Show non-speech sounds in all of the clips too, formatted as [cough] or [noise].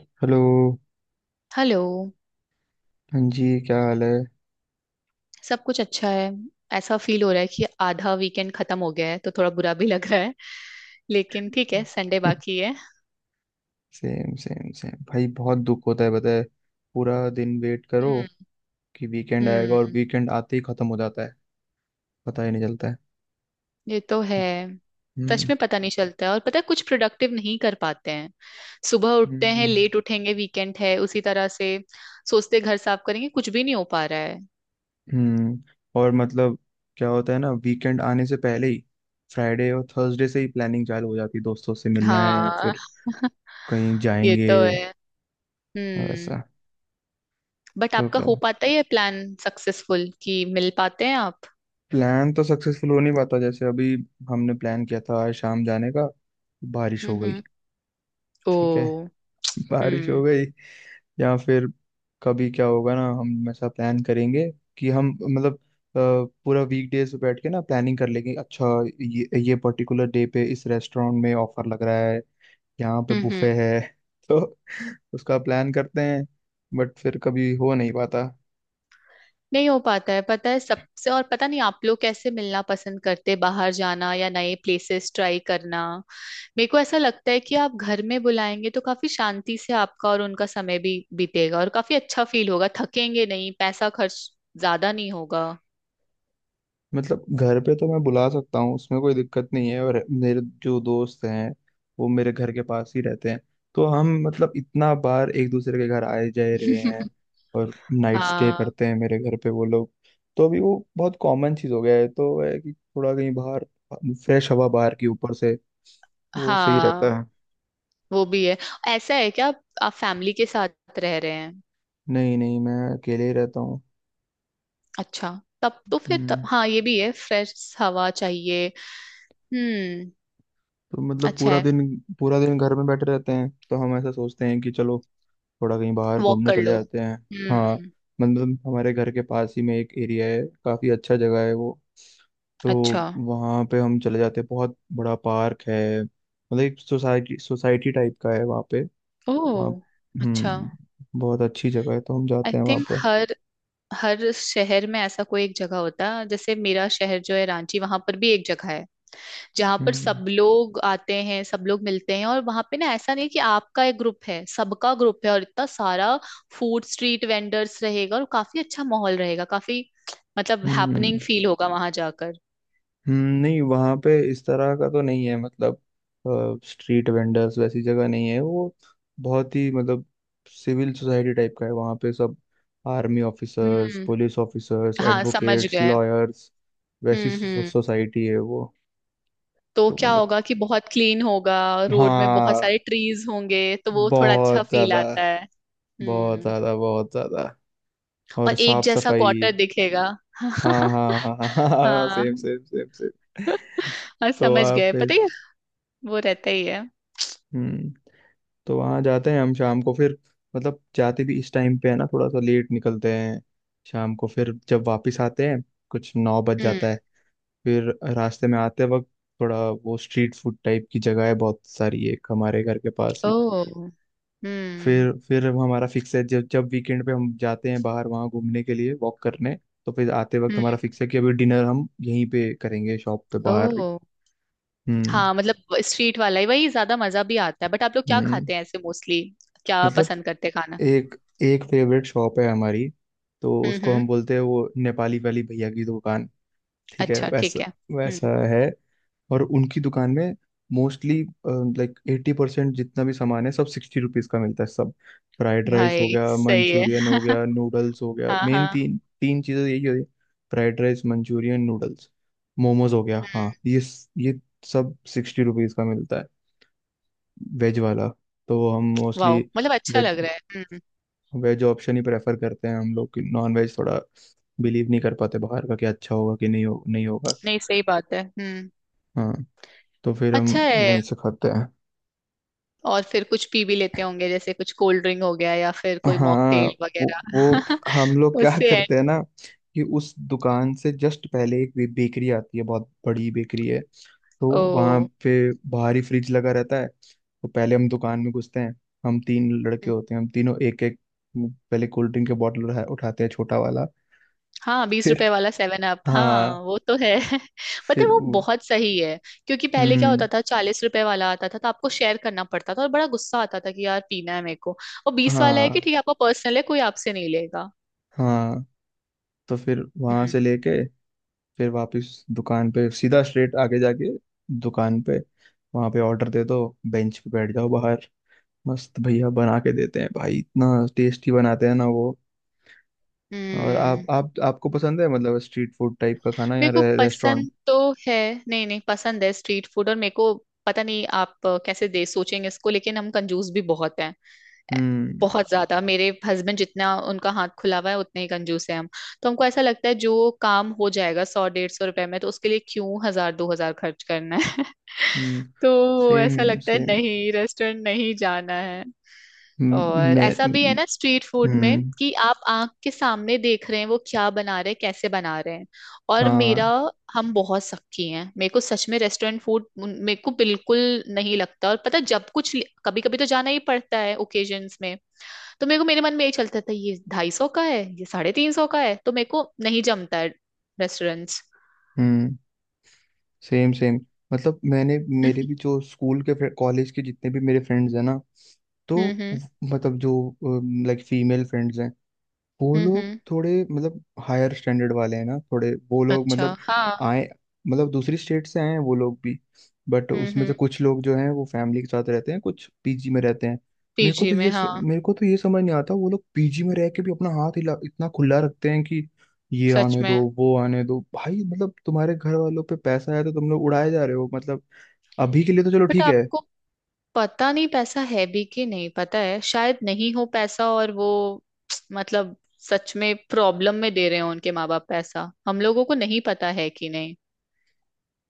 Hello. Hello. हाँ जी, क्या हाल है? सब कुछ अच्छा है। ऐसा फील हो रहा है कि आधा वीकेंड खत्म हो गया है तो थोड़ा बुरा भी लग रहा है। लेकिन ठीक है, संडे बाकी है। सेम सेम सेम भाई, बहुत दुख होता है, पता है। पूरा दिन वेट करो हम्म। कि वीकेंड आएगा, और हम्म। वीकेंड आते ही खत्म हो जाता है। पता ही नहीं चलता है। ये तो है। सच हम्म में पता नहीं चलता है, और पता है कुछ प्रोडक्टिव नहीं कर पाते हैं। सुबह उठते हैं, हम्म लेट उठेंगे, वीकेंड है उसी तरह से। सोचते घर साफ करेंगे, कुछ भी नहीं हो पा रहा है। हम्म और मतलब, क्या होता है ना, वीकेंड आने से पहले ही फ्राइडे और थर्सडे से ही प्लानिंग चालू हो जाती है, दोस्तों से मिलना है या हाँ। फिर [laughs] कहीं ये जाएंगे तो है। हम्म। वैसा। बट तो आपका क्या, हो पाता है ये प्लान सक्सेसफुल, कि मिल पाते हैं आप? प्लान तो सक्सेसफुल हो नहीं पाता। जैसे अभी हमने प्लान किया था आज शाम जाने का, बारिश हम्म। हो गई। हम्म। ओ। ठीक है, बारिश हो हम्म। गई। या फिर कभी क्या होगा ना, हम ऐसा प्लान करेंगे कि हम मतलब, अ, पूरा वीक डेज पे बैठ के ना प्लानिंग कर लेंगे। अच्छा, ये पर्टिकुलर डे पे इस रेस्टोरेंट में ऑफर लग रहा है, यहाँ पे हम्म। हम्म। बुफे है। [laughs] तो उसका प्लान करते हैं, बट फिर कभी हो नहीं पाता। नहीं हो पाता है, पता है सबसे। और पता नहीं आप लोग कैसे मिलना पसंद करते, बाहर जाना या नए प्लेसेस ट्राई करना। मेरे को ऐसा लगता है कि आप घर में बुलाएंगे तो काफी शांति से आपका और उनका समय भी बीतेगा और काफी अच्छा फील होगा, थकेंगे नहीं, पैसा खर्च ज्यादा नहीं होगा। मतलब घर पे तो मैं बुला सकता हूँ, उसमें कोई दिक्कत नहीं है। और मेरे जो दोस्त हैं, वो मेरे घर के पास ही रहते हैं। तो हम मतलब इतना बार एक दूसरे के घर आए जाए रहे हैं, और नाइट स्टे हाँ। करते हैं मेरे घर पे वो लोग। तो अभी वो बहुत कॉमन चीज़ हो गया है, तो है कि थोड़ा कहीं बाहर फ्रेश हवा बाहर की ऊपर से वो सही हाँ, रहता है। वो भी है। ऐसा है क्या, आप फैमिली के साथ रह रहे हैं? नहीं नहीं, मैं अकेले ही रहता हूँ। अच्छा। तब तो फिर तब, हम्म हाँ ये भी है, फ्रेश हवा चाहिए। हम्म। तो मतलब अच्छा पूरा है। दिन, पूरा दिन घर में बैठे रहते हैं, तो हम ऐसा सोचते हैं कि चलो थोड़ा कहीं बाहर वॉक घूमने कर चले लो। जाते हैं। हाँ, हम्म। मतलब हमारे घर के पास ही में एक एरिया है, काफ़ी अच्छा जगह है वो। तो अच्छा। वहाँ पे हम चले जाते हैं, बहुत बड़ा पार्क है। मतलब एक सोसाइटी सोसाइटी टाइप का है वहाँ पे। वहाँ ओह। अच्छा। बहुत अच्छी जगह है, तो हम आई जाते हैं वहाँ थिंक पे। हर हर शहर में ऐसा कोई एक जगह होता है, जैसे मेरा शहर जो है रांची, वहां पर भी एक जगह है जहां पर हम्म सब लोग आते हैं, सब लोग मिलते हैं, और वहां पे ना ऐसा नहीं है कि आपका एक ग्रुप है, सबका ग्रुप है, और इतना सारा फूड स्ट्रीट वेंडर्स रहेगा और काफी अच्छा माहौल रहेगा। काफी मतलब हैपनिंग हम्म फील होगा वहां जाकर। नहीं, वहाँ पे इस तरह का तो नहीं है। मतलब स्ट्रीट वेंडर्स वैसी जगह नहीं है वो। बहुत ही मतलब सिविल सोसाइटी टाइप का है वहाँ पे। सब आर्मी ऑफिसर्स, हम्म। पुलिस ऑफिसर्स, हाँ, समझ एडवोकेट्स, गए। लॉयर्स, वैसी हम्म। हम्म। सोसाइटी है वो। तो तो क्या मतलब होगा कि बहुत क्लीन होगा, रोड में बहुत हाँ, सारे ट्रीज होंगे, तो वो थोड़ा अच्छा बहुत फील ज्यादा, आता है। बहुत हम्म। ज्यादा बहुत ज्यादा। और और एक साफ जैसा सफाई। क्वार्टर दिखेगा। हाँ [laughs] हाँ हाँ [laughs] हाँ, हाँ। Same same same same. और तो समझ आप, गए, पता है, वो रहता ही है। हम्म तो वहां जाते हैं हम शाम को। फिर मतलब जाते भी इस टाइम पे है ना, थोड़ा सा लेट निकलते हैं। शाम को फिर जब वापस आते हैं, कुछ 9 बज हम्म। जाता है। फिर रास्ते में आते वक्त, थोड़ा वो स्ट्रीट फूड टाइप की जगह है बहुत सारी, एक हमारे घर के पास ओ। ही। हम्म। फिर हमारा फिक्स है, जब जब वीकेंड पे हम जाते हैं बाहर वहाँ घूमने के लिए, वॉक करने, तो फिर आते वक्त हम्म। हमारा फिक्स है कि अभी डिनर हम यहीं पे करेंगे, शॉप पे ओ। बाहर ही। हम्म हाँ, मतलब स्ट्रीट वाला ही, वही ज्यादा मजा भी आता है। बट आप लोग क्या हम्म खाते हैं ऐसे मोस्टली, क्या मतलब पसंद करते हैं खाना? एक, एक फेवरेट शॉप है हमारी। तो हम्म। उसको हम्म। हम बोलते हैं वो नेपाली वाली भैया की दुकान। ठीक है, अच्छा, वैसा ठीक है। हम्म। वैसा है। और उनकी दुकान में मोस्टली, लाइक 80% जितना भी सामान है सब 60 रुपीज का मिलता है। सब, फ्राइड राइस हो भाई गया, सही है। मंचूरियन हो गया, नूडल्स हो गया, हाँ मेन हाँ। तीन तीन चीज़ें यही होती है। Fried rice, manchurian, noodles, momos हो गया, हाँ, ये सब 60 रुपीज का मिलता है, वेज वाला। तो हम मोस्टली वाह, मतलब अच्छा वेज, लग रहा है। हम्म। वेज ऑप्शन ही प्रेफर करते हैं हम लोग। कि नॉन वेज थोड़ा बिलीव नहीं कर पाते बाहर का, कि अच्छा होगा कि नहीं, हो नहीं होगा। नहीं, सही बात है। हम्म। हाँ, तो फिर हम अच्छा है। वहीं से खाते हैं। और फिर कुछ पी भी लेते होंगे, जैसे कुछ कोल्ड ड्रिंक हो गया या फिर कोई हाँ, मॉकटेल वो वगैरह? हम लोग [laughs] क्या उससे है। करते हैं ना, कि उस दुकान से जस्ट पहले एक बेकरी आती है, बहुत बड़ी बेकरी है। तो वहाँ ओ। पे बाहर ही फ्रिज लगा रहता है, तो पहले हम दुकान में घुसते हैं। हम तीन लड़के हम्म। होते हैं, हम तीनों एक एक, पहले कोल्ड ड्रिंक के बॉटल उठाते हैं, छोटा वाला। हाँ, बीस फिर, रुपए वाला सेवन अप, हाँ, हाँ वो तो है। [laughs] पता है, फिर वो बहुत सही है। क्योंकि पहले क्या हम्म होता था, 40 रुपए वाला आता था तो आपको शेयर करना पड़ता था, और बड़ा गुस्सा आता था कि यार पीना है मेरे को। और 20 वाला है हाँ, कि ठीक है, आपका पर्सनल है, कोई आपसे नहीं लेगा। हाँ। तो फिर वहां से हम्म। लेके, फिर वापस दुकान पे सीधा स्ट्रेट आगे जाके, दुकान पे वहां पे ऑर्डर दे दो, बेंच पे बैठ जाओ बाहर। मस्त भैया बना के देते हैं भाई, इतना टेस्टी बनाते हैं ना वो। और आप हम्म। आप आपको पसंद है मतलब स्ट्रीट फूड टाइप का खाना या मेरे को रेस्टोरेंट? पसंद तो है। नहीं नहीं, पसंद है स्ट्रीट फूड। और मेरे को पता नहीं आप कैसे दे सोचेंगे इसको, लेकिन हम कंजूस भी बहुत हैं। ए- हम्म बहुत ज्यादा। मेरे हस्बैंड जितना उनका हाथ खुला हुआ है, उतने ही कंजूस है हम। तो हमको ऐसा लगता है जो काम हो जाएगा 100-150 रुपए में, तो उसके लिए क्यों 1000-2000 खर्च करना है। [laughs] हम्म तो ऐसा सेम लगता है, सेम। नहीं, रेस्टोरेंट नहीं जाना है। और मैं, ऐसा भी है ना स्ट्रीट फूड में हम्म कि आप आंख के सामने देख रहे हैं वो क्या बना रहे हैं, कैसे बना रहे हैं। और मेरा हाँ, हम बहुत सख्ती हैं, मेरे को सच में रेस्टोरेंट फूड मेरे को बिल्कुल नहीं लगता। और पता, जब कुछ, कभी कभी तो जाना ही पड़ता है ओकेजन्स में। तो मेरे मन में यही चलता था, ये 250 का है, ये 350 का है, तो मेरे को नहीं जमता है रेस्टोरेंट्स। हम्म सेम सेम। मतलब मैंने, मेरे भी जो स्कूल के, कॉलेज के जितने भी मेरे फ्रेंड्स हैं ना, तो हम्म। व- हम्म। मतलब जो लाइक फीमेल फ्रेंड्स हैं, वो हम्म। लोग थोड़े मतलब हायर स्टैंडर्ड वाले हैं ना, थोड़े वो लोग अच्छा मतलब हाँ। आए, मतलब दूसरी स्टेट से आए हैं वो लोग भी। बट हम्म। उसमें से कुछ लोग जो हैं वो फैमिली के साथ रहते हैं, कुछ पीजी में रहते हैं। पीजी में, हाँ। मेरे को तो ये समझ नहीं आता, वो लोग पीजी में रह के भी अपना हाथ हिला इतना खुला रखते हैं कि ये सच आने में। दो, वो आने दो। भाई मतलब तुम्हारे घर वालों पे पैसा आया तो तुम लोग उड़ाए जा रहे हो मतलब। अभी के लिए तो चलो बट ठीक है। आपको पता नहीं पैसा है भी कि नहीं, पता है, शायद नहीं हो पैसा और वो, [tsk] मतलब सच में प्रॉब्लम में दे रहे हो उनके माँ बाप, पैसा हम लोगों को नहीं पता है कि नहीं।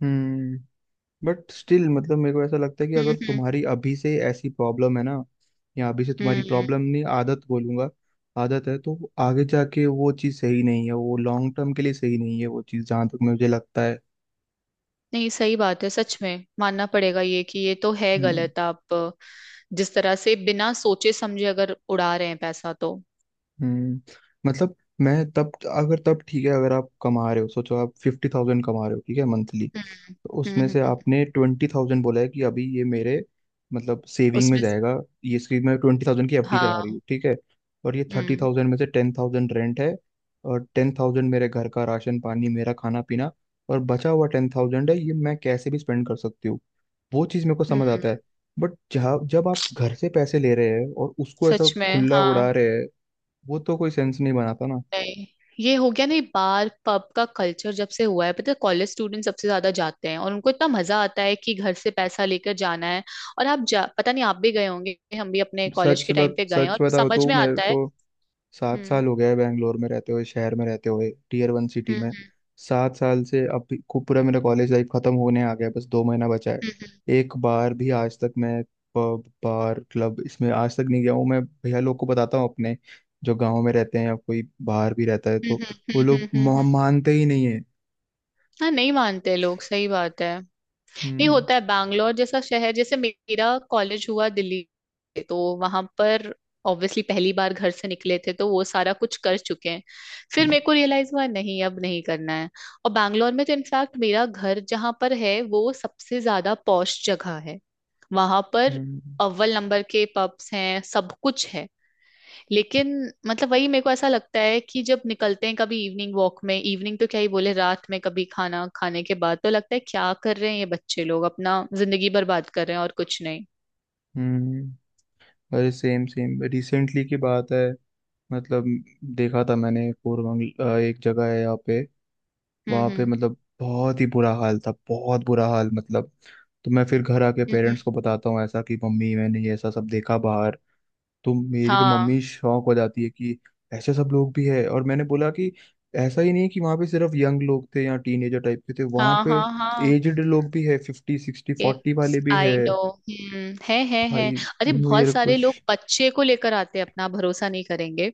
हम्म बट स्टिल, मतलब मेरे को ऐसा लगता है कि अगर हम्म। तुम्हारी अभी से ऐसी प्रॉब्लम है ना, या अभी से तुम्हारी हम्म। हम्म। प्रॉब्लम नहीं, आदत बोलूंगा, आदत है, तो आगे जाके वो चीज़ सही नहीं है। वो लॉन्ग टर्म के लिए सही नहीं है वो चीज़, जहाँ तक मुझे लगता है। नहीं, सही बात है, सच में मानना पड़ेगा ये कि ये तो है हम्म गलत। आप जिस तरह से बिना सोचे समझे अगर उड़ा रहे हैं पैसा, तो। हम्म मतलब मैं तब, अगर तब ठीक है, अगर आप कमा रहे हो सोचो आप 50,000 कमा रहे हो, ठीक है, मंथली। तो हम्म। उसमें हम्म। से हम्म। आपने 20,000 बोला है कि अभी ये मेरे मतलब सेविंग में उसमें स- जाएगा। ये इसकी मैं 20,000 की एफडी करा रही हूँ, हाँ। ठीक है। और ये थर्टी हम्म। थाउजेंड में से 10,000 रेंट है, और 10,000 मेरे घर का राशन पानी, मेरा खाना पीना, और बचा हुआ 10,000 है, ये मैं कैसे भी स्पेंड कर सकती हूँ, वो चीज़ मेरे को समझ हम्म। आता है। बट जहाँ जब आप घर से पैसे ले रहे हैं और उसको ऐसा सच में खुला उड़ा हाँ। रहे हैं, वो तो कोई सेंस नहीं बनाता ना। नहीं, ये हो गया नहीं, बार पब का कल्चर जब से हुआ है, पता है, कॉलेज स्टूडेंट सबसे ज्यादा जाते हैं, और उनको इतना मजा आता है कि घर से पैसा लेकर जाना है। और आप जा पता नहीं, आप भी गए होंगे, हम भी अपने कॉलेज सच के टाइम बात पे गए हैं, सच और बताओ समझ तो में मेरे आता को है। सात हम्म साल हो गया है बैंगलोर में रहते हुए, शहर में रहते हुए, टियर 1 सिटी में। हम्म 7 साल से खूब पूरा मेरा कॉलेज लाइफ खत्म होने आ गया है, बस 2 महीना बचा है। हम्म एक बार भी आज तक मैं पब, बार, क्लब इसमें आज तक नहीं गया हूँ। मैं भैया लोग को बताता हूँ अपने, जो गाँव में रहते हैं, या कोई बाहर भी रहता है, तो हम्म। वो हम्म। हम्म। हम्म। हम्म। हम्म। हम्म। लोग हम्म। हम्म। मानते ही नहीं है। हाँ, नहीं मानते लोग, सही बात है। ये हम्म होता है। बैंगलोर जैसा शहर, जैसे मेरा कॉलेज हुआ दिल्ली से, तो वहां पर ऑब्वियसली पहली बार घर से निकले थे तो वो सारा कुछ कर चुके हैं। फिर हम्म मेरे को रियलाइज हुआ, नहीं अब नहीं करना है। और बैंगलोर में तो इनफैक्ट मेरा घर जहां पर है, वो सबसे ज्यादा पॉश जगह है, वहां पर हम्म अव्वल नंबर के पब्स हैं, सब कुछ है। लेकिन मतलब वही मेरे को ऐसा लगता है कि जब निकलते हैं कभी इवनिंग वॉक में, इवनिंग तो क्या ही बोले, रात में कभी खाना खाने के बाद, तो लगता है क्या कर रहे हैं ये बच्चे लोग, अपना जिंदगी बर्बाद कर रहे हैं और कुछ नहीं। हम्म। अरे सेम सेम, रिसेंटली की बात है, मतलब देखा था मैंने, कोरबंग एक जगह है यहाँ पे। हम्म। वहां पे हम्म। मतलब बहुत ही बुरा हाल था, बहुत बुरा हाल मतलब। तो मैं फिर घर आके हम्म, पेरेंट्स को बताता हूँ ऐसा कि मम्मी मैंने ये ऐसा सब देखा बाहर। तो मेरी तो हाँ मम्मी शॉक हो जाती है कि ऐसे सब लोग भी है। और मैंने बोला कि ऐसा ही नहीं कि वहां पे सिर्फ यंग लोग थे या टीनेजर टाइप के थे। वहां हाँ पे हाँ हाँ। एजड लोग भी है, 50, 60, 40 वाले भी है आई नो। हम्म, है है। भाई। अरे बहुत मेरे को, सारे लोग बच्चे को लेकर आते हैं, अपना भरोसा नहीं करेंगे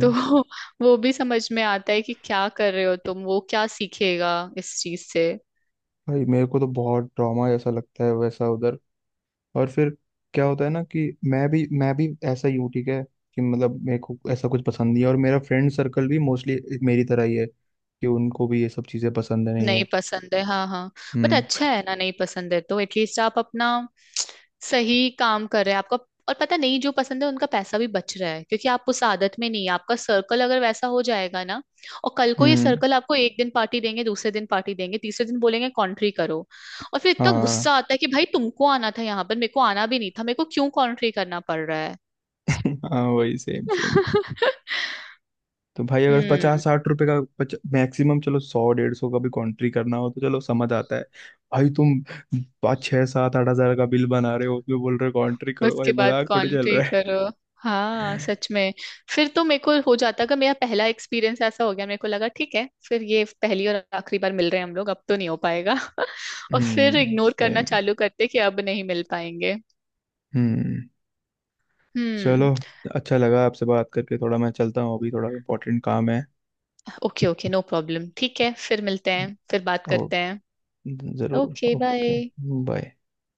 तो। [laughs] वो भी समझ में आता है कि क्या कर रहे हो तुम, वो क्या सीखेगा इस चीज से। भाई मेरे को तो बहुत ड्रामा ऐसा लगता है वैसा उधर। और फिर क्या होता है ना, कि मैं भी ऐसा ही हूँ ठीक है। कि मतलब मेरे को ऐसा कुछ पसंद नहीं है, और मेरा फ्रेंड सर्कल भी मोस्टली मेरी तरह ही है, कि उनको भी ये सब चीज़ें पसंद नहीं नहीं है। पसंद है, हाँ हाँ। बट हम्म अच्छा है ना, नहीं पसंद है तो एटलीस्ट आप अपना सही काम कर रहे हैं आपका। और पता नहीं जो पसंद है उनका, पैसा भी बच रहा है क्योंकि आप उस आदत में नहीं है। आपका सर्कल अगर वैसा हो जाएगा ना, और कल को ये हम्म सर्कल आपको एक दिन पार्टी देंगे, दूसरे दिन पार्टी देंगे, तीसरे दिन बोलेंगे कॉन्ट्री करो। और फिर इतना हाँ गुस्सा आता है कि भाई तुमको आना था यहाँ पर, मेरे को आना भी नहीं था, मेरे को क्यों कॉन्ट्री करना पड़ रहा है। [laughs] हाँ वही सेम सेम। [laughs] तो भाई, अगर हम्म, 50, 60 रुपए का मैक्सिमम चलो 100, 150 का भी कॉन्ट्री करना हो तो चलो समझ आता है। भाई तुम 5, 6, 7, 8 हजार का बिल बना रहे हो, उसमें बोल रहे हो कॉन्ट्री करो, भाई उसके बाद मजाक थोड़ी चल कॉन्ट्री रहा करो। हाँ है? [laughs] सच में। फिर तो मेरे को हो जाता कि मेरा पहला एक्सपीरियंस ऐसा हो गया, मेरे को लगा ठीक है, फिर ये पहली और आखिरी बार मिल रहे हैं हम लोग, अब तो नहीं हो पाएगा। [laughs] और फिर इग्नोर करना सेम चालू करते कि अब नहीं मिल पाएंगे। हम्म चलो, हम्म। अच्छा लगा आपसे बात करके। थोड़ा मैं चलता हूँ अभी, थोड़ा इम्पोर्टेंट काम है। ओके ओके, नो प्रॉब्लम, ठीक है, फिर मिलते हैं, फिर बात ओ, करते हैं। जरूर, ओके बाय। Okay, bye.